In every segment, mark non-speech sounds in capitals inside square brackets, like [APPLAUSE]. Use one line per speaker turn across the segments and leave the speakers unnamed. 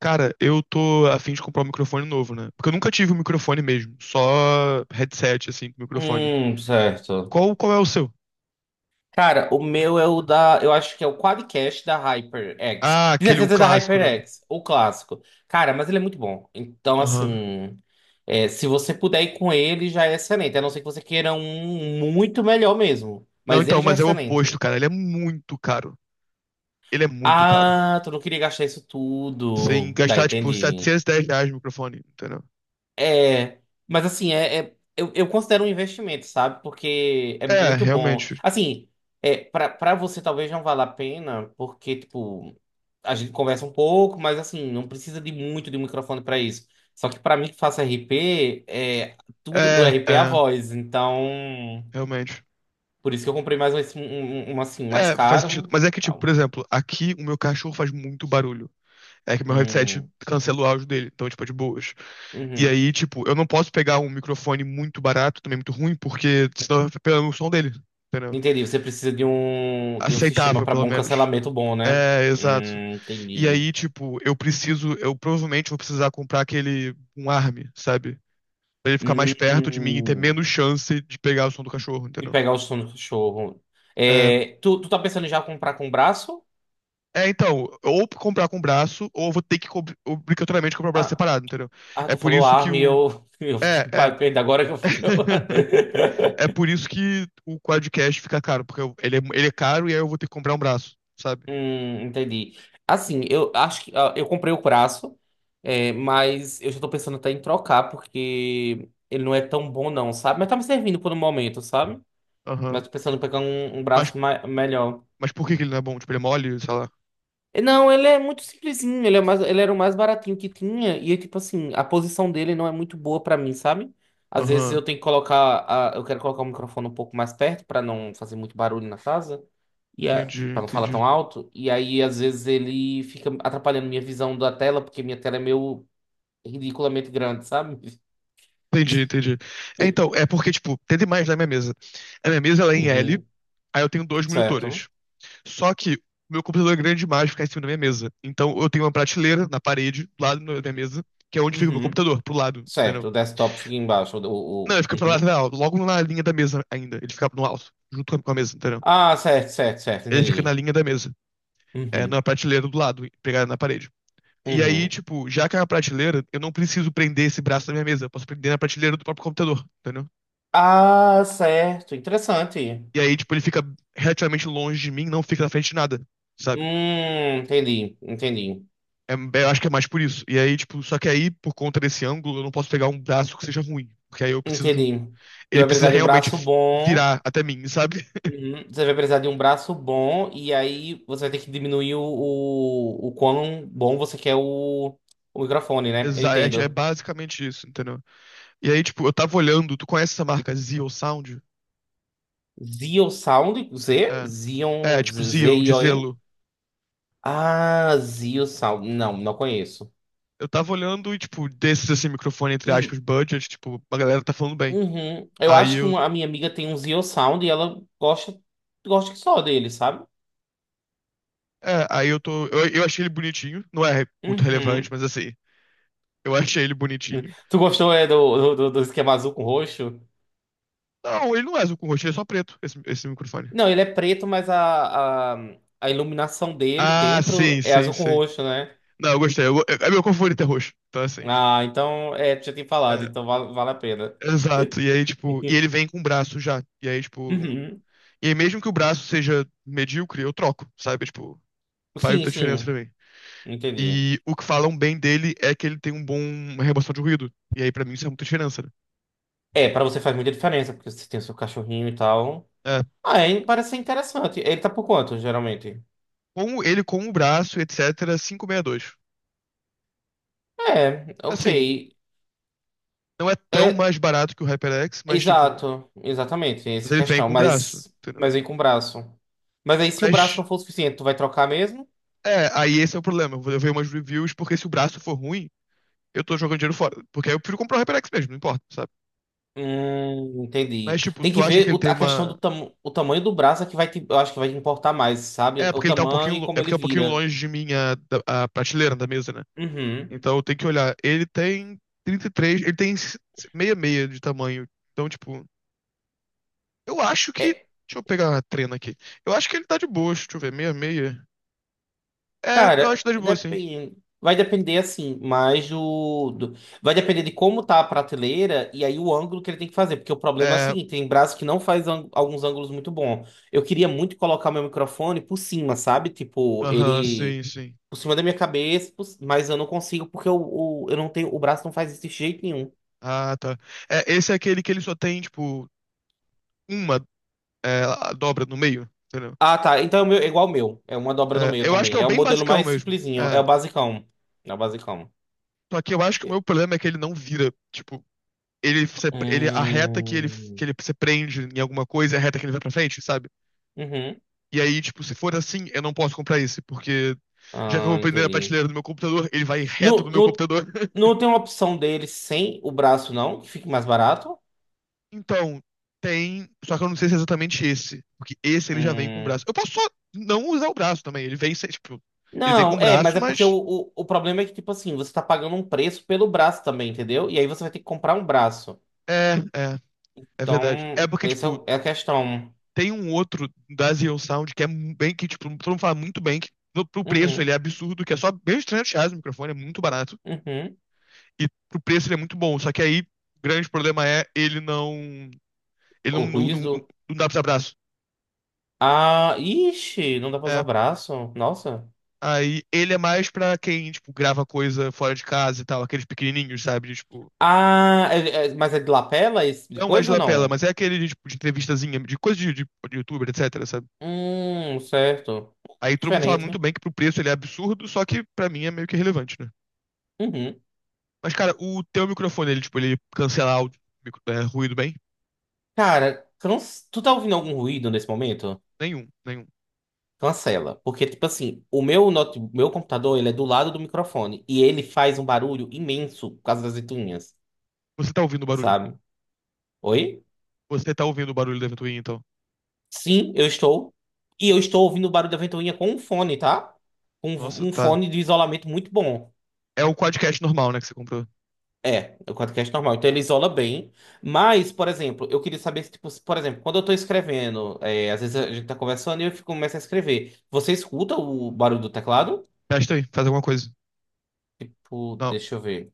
Cara, eu tô a fim de comprar um microfone novo, né? Porque eu nunca tive um microfone mesmo, só headset, assim, com microfone.
Certo.
Qual é o seu?
Cara, o meu é o da. Eu acho que é o Quadcast da HyperX.
Ah,
[LAUGHS] Quer
aquele, o
dizer, da
clássico, né?
HyperX, o clássico. Cara, mas ele é muito bom. Então,
Aham.
assim. É, se você puder ir com ele, já é excelente. A não ser que você queira um muito melhor mesmo.
Não,
Mas ele
então,
já é
mas é o oposto,
excelente.
cara. Ele é muito caro. Ele é muito caro.
Ah, tu não queria gastar isso
Sem
tudo. Tá,
gastar, tipo,
entendi.
R$ 710 no microfone, entendeu?
É, mas assim, eu considero um investimento, sabe? Porque é
É,
muito bom.
realmente.
Assim, pra você talvez não valha a pena, porque, tipo, a gente conversa um pouco, mas assim, não precisa de muito de um microfone pra isso. Só que pra mim que faço RP, tudo do
É,
RP é a
é,
voz. Então,
realmente.
por isso que eu comprei mais um, assim, mais
É, faz sentido.
caro.
Mas é que, tipo, por
Tal.
exemplo, aqui o meu cachorro faz muito barulho. É que meu headset
Hum,
cancela o áudio dele, então, tipo, é de boas. E
uhum.
aí, tipo, eu não posso pegar um microfone muito barato, também muito ruim, porque senão eu fico pegando o som dele, entendeu?
Entendi, você precisa de um, sistema
Aceitável,
pra
pelo
bom
menos.
cancelamento bom, né?
É, exato. E
Entendi.
aí, tipo, eu provavelmente vou precisar comprar aquele, um arm, sabe? Pra ele ficar mais perto de mim e ter
Hum,
menos chance de pegar o som do cachorro,
e
entendeu?
pegar o som do cachorro.
É,
É, tu tá pensando em já comprar com o braço?
é, então, ou comprar com braço, ou eu vou ter que obrigatoriamente comprar o braço
Ah,
separado, entendeu? É
tu
por
falou
isso que
arma e
o.
eu, [LAUGHS] eu
É,
fiquei
é.
perdendo agora que eu. [LAUGHS]
[LAUGHS] É
eu-
por isso que o quadcast fica caro, porque ele é caro e aí eu vou ter que comprar um braço, sabe?
Entendi. Assim, eu acho que eu comprei o braço, é, mas eu já tô pensando até em trocar, porque ele não é tão bom, não, sabe? Mas tá me servindo por um momento, sabe? Mas
Aham.
tô pensando em pegar um
Mas,
braço melhor.
mas por que que ele não é bom? Tipo, ele é mole, sei lá.
Não, ele é muito simplesinho, ele, é mais, ele era o mais baratinho que tinha, e é tipo assim, a posição dele não é muito boa pra mim, sabe? Às vezes eu
Aham.
tenho que colocar, eu quero colocar o microfone um pouco mais perto pra não fazer muito barulho na casa, e a,
Entendi,
para não falar tão
entendi.
alto, e aí às vezes ele fica atrapalhando minha visão da tela, porque minha tela é meio ridiculamente grande, sabe?
Entendi, entendi. É, então, é porque, tipo, tem demais na minha mesa. A minha mesa, ela é em L,
Uhum,
aí eu tenho dois
certo.
monitores. Só que meu computador é grande demais, fica em cima da minha mesa. Então, eu tenho uma prateleira na parede, do lado da minha mesa, que é onde fica o meu
Uhum,
computador, pro lado, entendeu?
certo, o desktop fica embaixo,
Não,
o-
ele fica pro lado,
uhum.
não, logo na linha da mesa ainda. Ele fica no alto, junto com a mesa, entendeu?
Ah, certo, certo, certo,
Ele fica na
entendi.
linha da mesa. É,
Uhum,
na prateleira do lado, pegar na parede. E aí,
uhum.
tipo, já que é uma prateleira, eu não preciso prender esse braço na minha mesa. Eu posso prender na prateleira do próprio computador, entendeu?
Ah, certo. Interessante.
E aí, tipo, ele fica relativamente longe de mim, não fica na frente de nada, sabe?
Entendi, entendi,
É, eu acho que é mais por isso. E aí, tipo, só que aí, por conta desse ângulo, eu não posso pegar um braço que seja ruim. Porque aí eu preciso de um.
entendi. Tu
Ele
vai
precisa
precisar de um
realmente
braço bom.
virar até mim, [LAUGHS] sabe?
Uhum. Você vai precisar de um braço bom e aí você vai ter que diminuir o quão bom você quer o microfone, né? Eu
Exato, é
entendo.
basicamente isso, entendeu? E aí, tipo, eu tava olhando, tu conhece essa marca Zio Sound?
Zio Sound? Z?
É, é
Zion?
tipo Zio, de
Z-I-O-N?
zelo.
Ah, Zio Sound. Não, não conheço.
Eu tava olhando e, tipo, desses, assim, microfone, entre aspas,
Hum,
budget, tipo, a galera tá falando bem.
uhum. Eu
Aí
acho que
eu.
a minha amiga tem um Zio Sound e ela gosta, gosta que só dele, sabe?
É, aí eu tô. Eu achei ele bonitinho. Não é muito relevante,
Uhum.
mas assim, eu achei ele bonitinho.
Tu gostou do esquema azul com roxo?
Não, ele não é azul com roxo, ele é só preto, esse microfone.
Não, ele é preto, mas a iluminação dele
Ah,
dentro
sim,
é
sim,
azul com
sim.
roxo, né?
Não, eu gostei. É, meu favorito é roxo. Então, assim.
Ah, então, é, tu já tinha falado,
É,
então vale, vale a pena.
exato. E aí, tipo. E ele
[LAUGHS]
vem com o braço já. E aí, tipo.
Uhum.
E aí, mesmo que o braço seja medíocre, eu troco, sabe? Tipo, faz
Sim,
muita diferença pra
sim,
mim.
entendi.
E o que falam bem dele é que ele tem um bom uma remoção de ruído. E aí, pra mim, isso é muita diferença, né?
É, pra você faz muita diferença, porque você tem o seu cachorrinho e tal.
É,
Ah, é, parece ser interessante. Ele tá por quanto, geralmente?
com ele com o braço, etc., dois.
É, ok.
Assim, não é tão
É,
mais barato que o HyperX, mas, tipo,
exato, exatamente, tem
mas
essa
ele vem
questão,
com o braço, entendeu?
mas vem com o braço. Mas aí, se o braço não
Mas,
for suficiente, tu vai trocar mesmo?
é, aí esse é o problema. Eu vejo umas reviews, porque se o braço for ruim, eu tô jogando dinheiro fora. Porque aí eu prefiro comprar o HyperX mesmo, não importa, sabe? Mas,
Entendi.
tipo,
Tem
tu
que
acha
ver
que ele tem
a questão do
uma.
tam, o tamanho do braço é que vai te, eu acho que vai te importar mais, sabe?
É,
O
porque ele tá um
tamanho
pouquinho.
e
Lo-
como
É
ele
porque é um pouquinho
vira.
longe de mim a prateleira da mesa, né?
Uhum.
Então eu tenho que olhar. Ele tem 33, ele tem 66 de tamanho. Então, tipo, eu acho que. Deixa eu pegar a trena aqui. Eu acho que ele tá de boa, deixa eu ver, 66. É, eu acho
Cara,
que tá de boa, sim.
depende. Vai depender, assim, mais do, do- Vai depender de como tá a prateleira e aí o ângulo que ele tem que fazer. Porque o problema é o
É,
seguinte, tem braço que não faz ângu- alguns ângulos muito bons. Eu queria muito colocar meu microfone por cima, sabe? Tipo,
aham, sim,
ele...
sim.
Por cima da minha cabeça, por- mas eu não consigo porque eu, eu não tenho... O braço não faz isso de jeito nenhum.
Ah, tá. É, esse é aquele que ele só tem, tipo, uma a dobra no meio, entendeu?
Ah, tá. Então é o meu- é igual o meu. É uma dobra no
É,
meio
eu acho que
também.
é o
É o
bem
modelo
basicão
mais
mesmo.
simplesinho. É
É.
o basicão. É o basicão.
Só que eu acho que o
E-
meu problema é que ele não vira, tipo, ele, se- ele, a reta que ele, que
Hum...
ele se prende em alguma coisa é a reta que ele vai pra frente, sabe?
Uhum.
E aí, tipo, se for assim, eu não posso comprar esse, porque já que eu vou
Ah,
prender a
entendi.
prateleira do meu computador, ele vai reto
No,
pro meu
no,
computador. [LAUGHS]
não tem uma opção dele sem o braço, não? Que fique mais barato?
Então, tem. Só que eu não sei se é exatamente esse. Porque esse ele já vem com o braço.
Hum.
Eu posso só não usar o braço também. Ele vem sem, tipo. Ele vem com
Não,
o
é, mas
braço,
é porque
mas.
o problema é que, tipo assim, você tá pagando um preço pelo braço também, entendeu? E aí você vai ter que comprar um braço.
É, é verdade. É
Então,
porque,
essa
tipo,
é a questão.
tem um outro da Xeon Sound que é bem que, tipo, todo mundo fala muito bem. Que, pro preço ele
Uhum,
é absurdo, que é só bem R$ 300 o microfone, é muito barato.
uhum.
E pro preço ele é muito bom. Só que aí, o grande problema é ele não. Ele
O
não, não, não,
ruído.
não dá pra abraço.
Ah, ixi, não dá pra usar
É.
braço. Nossa.
Aí ele é mais pra quem, tipo, grava coisa fora de casa e tal, aqueles pequenininhos, sabe? De, tipo,
Ah, mas é de lapela, esse tipo de
não é de
coisa ou
lapela,
não?
mas é aquele tipo, de entrevistazinha, de coisa de youtuber, etc, sabe?
Certo.
Aí todo mundo fala muito
Diferente.
bem que pro preço ele é absurdo, só que pra mim é meio que irrelevante, né?
Uhum.
Mas, cara, o teu microfone, ele, tipo, ele cancela áudio, ruído bem?
Cara, tu tá ouvindo algum ruído nesse momento?
Nenhum, nenhum.
Cancela. Porque, tipo assim, o meu, meu computador, ele é do lado do microfone. E ele faz um barulho imenso por causa das ventoinhas,
Você tá ouvindo o barulho?
sabe? Oi?
Você tá ouvindo o barulho da ventoinha, então?
Sim, eu estou. E eu estou ouvindo o barulho da ventoinha com um fone, tá? Com
Nossa,
um
tá.
fone de isolamento muito bom.
É o quadcast normal, né, que você comprou.
É, é o podcast normal. Então ele isola bem. Mas, por exemplo, eu queria saber se, tipo, se, por exemplo, quando eu tô escrevendo, é, às vezes a gente tá conversando e eu fico, começo a escrever. Você escuta o barulho do teclado?
Testa aí, faz alguma coisa.
Pô,
Não.
deixa eu ver.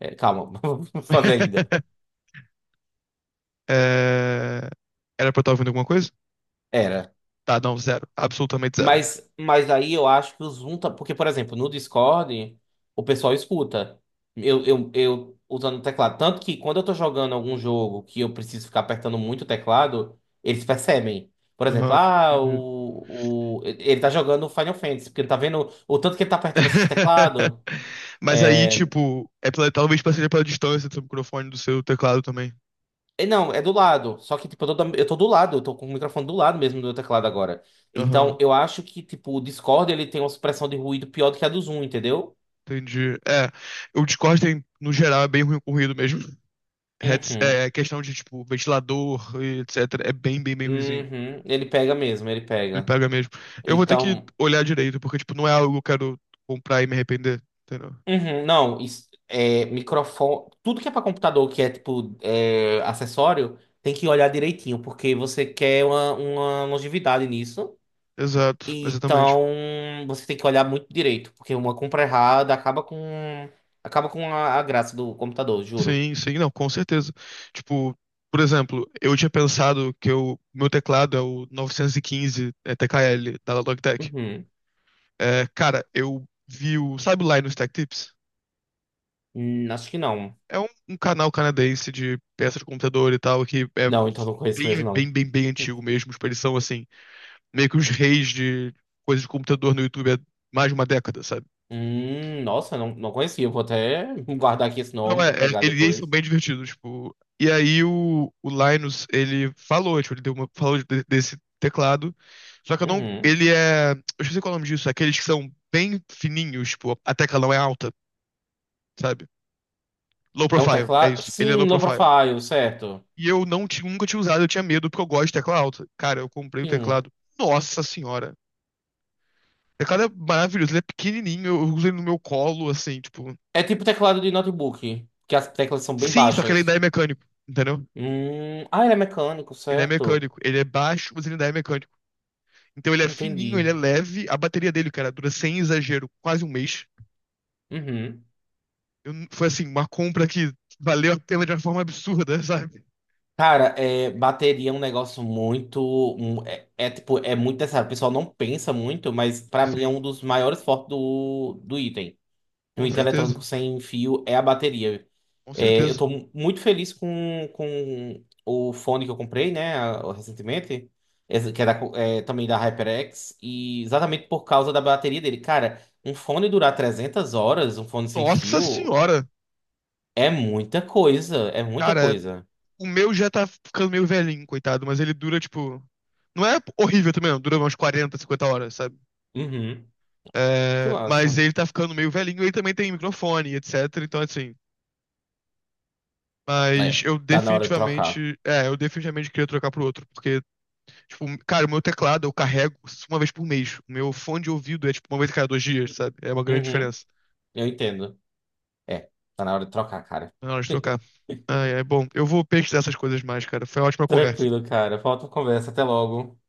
É, calma, [LAUGHS] vou fazer ainda.
[LAUGHS] É, era pra eu estar ouvindo alguma coisa?
Era.
Tá, não, zero. Absolutamente zero.
Mas aí eu acho que o Zoom tá. Porque, por exemplo, no Discord, o pessoal escuta. Eu usando o teclado. Tanto que quando eu tô jogando algum jogo que eu preciso ficar apertando muito o teclado, eles percebem. Por exemplo,
Aham, entendi.
ele tá jogando Final Fantasy, porque ele tá vendo o tanto que ele tá apertando esse teclado.
[LAUGHS] Mas aí, tipo, talvez seja pela distância do seu microfone do seu teclado também.
É, não, é do lado. Só que, tipo, eu tô, eu tô do lado, eu tô com o microfone do lado mesmo do meu teclado agora. Então,
Aham,
eu acho que, tipo, o Discord, ele tem uma supressão de ruído pior do que a do Zoom, entendeu?
entendi. É, o Discord, tem, no geral, é bem ruim com ruído mesmo. Heads,
Uhum.
é questão de, tipo, ventilador e etc. É bem, bem, bem ruinzinho.
Uhum. Ele pega mesmo, ele
Ele
pega.
pega mesmo. Eu vou ter que
Então,
olhar direito, porque, tipo, não é algo que eu quero comprar e me arrepender. Entendeu?
uhum, não, isso, é, microfone. Tudo que é pra computador, que é, tipo, é, acessório, tem que olhar direitinho, porque você quer uma longevidade nisso.
Exato, exatamente.
Então, você tem que olhar muito direito, porque uma compra errada acaba com a graça do computador, juro.
Sim, sim, não, com certeza. Tipo, por exemplo, eu tinha pensado que o meu teclado é o 915 TKL da Logitech.
Uhum.
É, cara, sabe o Linus Tech Tips?
Acho que não.
É um canal canadense de peças de computador e tal, que é
Não, então não conheço
bem,
mesmo, não.
bem, bem, bem antigo mesmo. Tipo, eles são, assim, meio que os reis de coisas de computador no YouTube há mais de uma década, sabe?
Nossa, não, não conhecia. Vou até [LAUGHS] guardar aqui esse
Não,
nome
é,
pra
é,
pegar
eles são
depois.
bem divertidos, tipo. E aí o Linus, ele falou, tipo, falou desse teclado. Só que eu não.
Uhum.
Ele é. Eu esqueci qual é o nome disso. Aqueles que são bem fininhos, tipo, a tecla não é alta, sabe? Low
É um
profile, é
teclado?
isso. Ele é low
Sim, low
profile.
profile, certo.
E eu não tinha, nunca tinha usado, eu tinha medo, porque eu gosto de tecla alta. Cara, eu comprei o
Sim.
teclado. Nossa senhora. O teclado é maravilhoso, ele é pequenininho, eu uso ele no meu colo, assim, tipo.
É tipo teclado de notebook, que as teclas são bem
Sim, só que ele ainda é
baixas.
mecânico, entendeu?
Ah, ele é mecânico,
Ele é
certo?
mecânico. Ele é baixo, mas ele ainda é mecânico. Então ele é fininho,
Entendi.
ele é leve. A bateria dele, cara, dura sem exagero quase um mês.
Uhum.
Foi assim, uma compra que valeu a pena de uma forma absurda, [LAUGHS] sabe?
Cara, é, bateria é um negócio muito. É tipo, é muito necessário. O pessoal não pensa muito, mas pra mim é um
Sim,
dos maiores fortes do, do item. No
com
item
certeza.
eletrônico sem fio é a bateria.
Com
É, eu
certeza.
tô muito feliz com o fone que eu comprei, né, recentemente, esse que é, é, também da HyperX, e exatamente por causa da bateria dele. Cara, um fone durar 300 horas, um fone sem
Nossa
fio,
senhora!
é muita coisa, é muita
Cara,
coisa.
o meu já tá ficando meio velhinho, coitado, mas ele dura, tipo. Não é horrível também, não. Dura umas 40, 50 horas, sabe?
Uhum, que
É, mas
massa.
ele tá ficando meio velhinho, ele também tem microfone, etc. Então, assim. Mas
É,
eu
tá na hora de trocar.
definitivamente. É, eu definitivamente queria trocar pro outro, porque. Tipo, cara, o meu teclado eu carrego uma vez por mês. O meu fone de ouvido é tipo uma vez a cada 2 dias, sabe? É uma grande
Uhum,
diferença.
eu entendo. É, tá na hora de trocar, cara.
Na hora de trocar.
[LAUGHS]
Ah, é bom. Eu vou pesquisar essas coisas mais, cara. Foi uma ótima conversa.
Tranquilo, cara. Falta conversa. Até logo.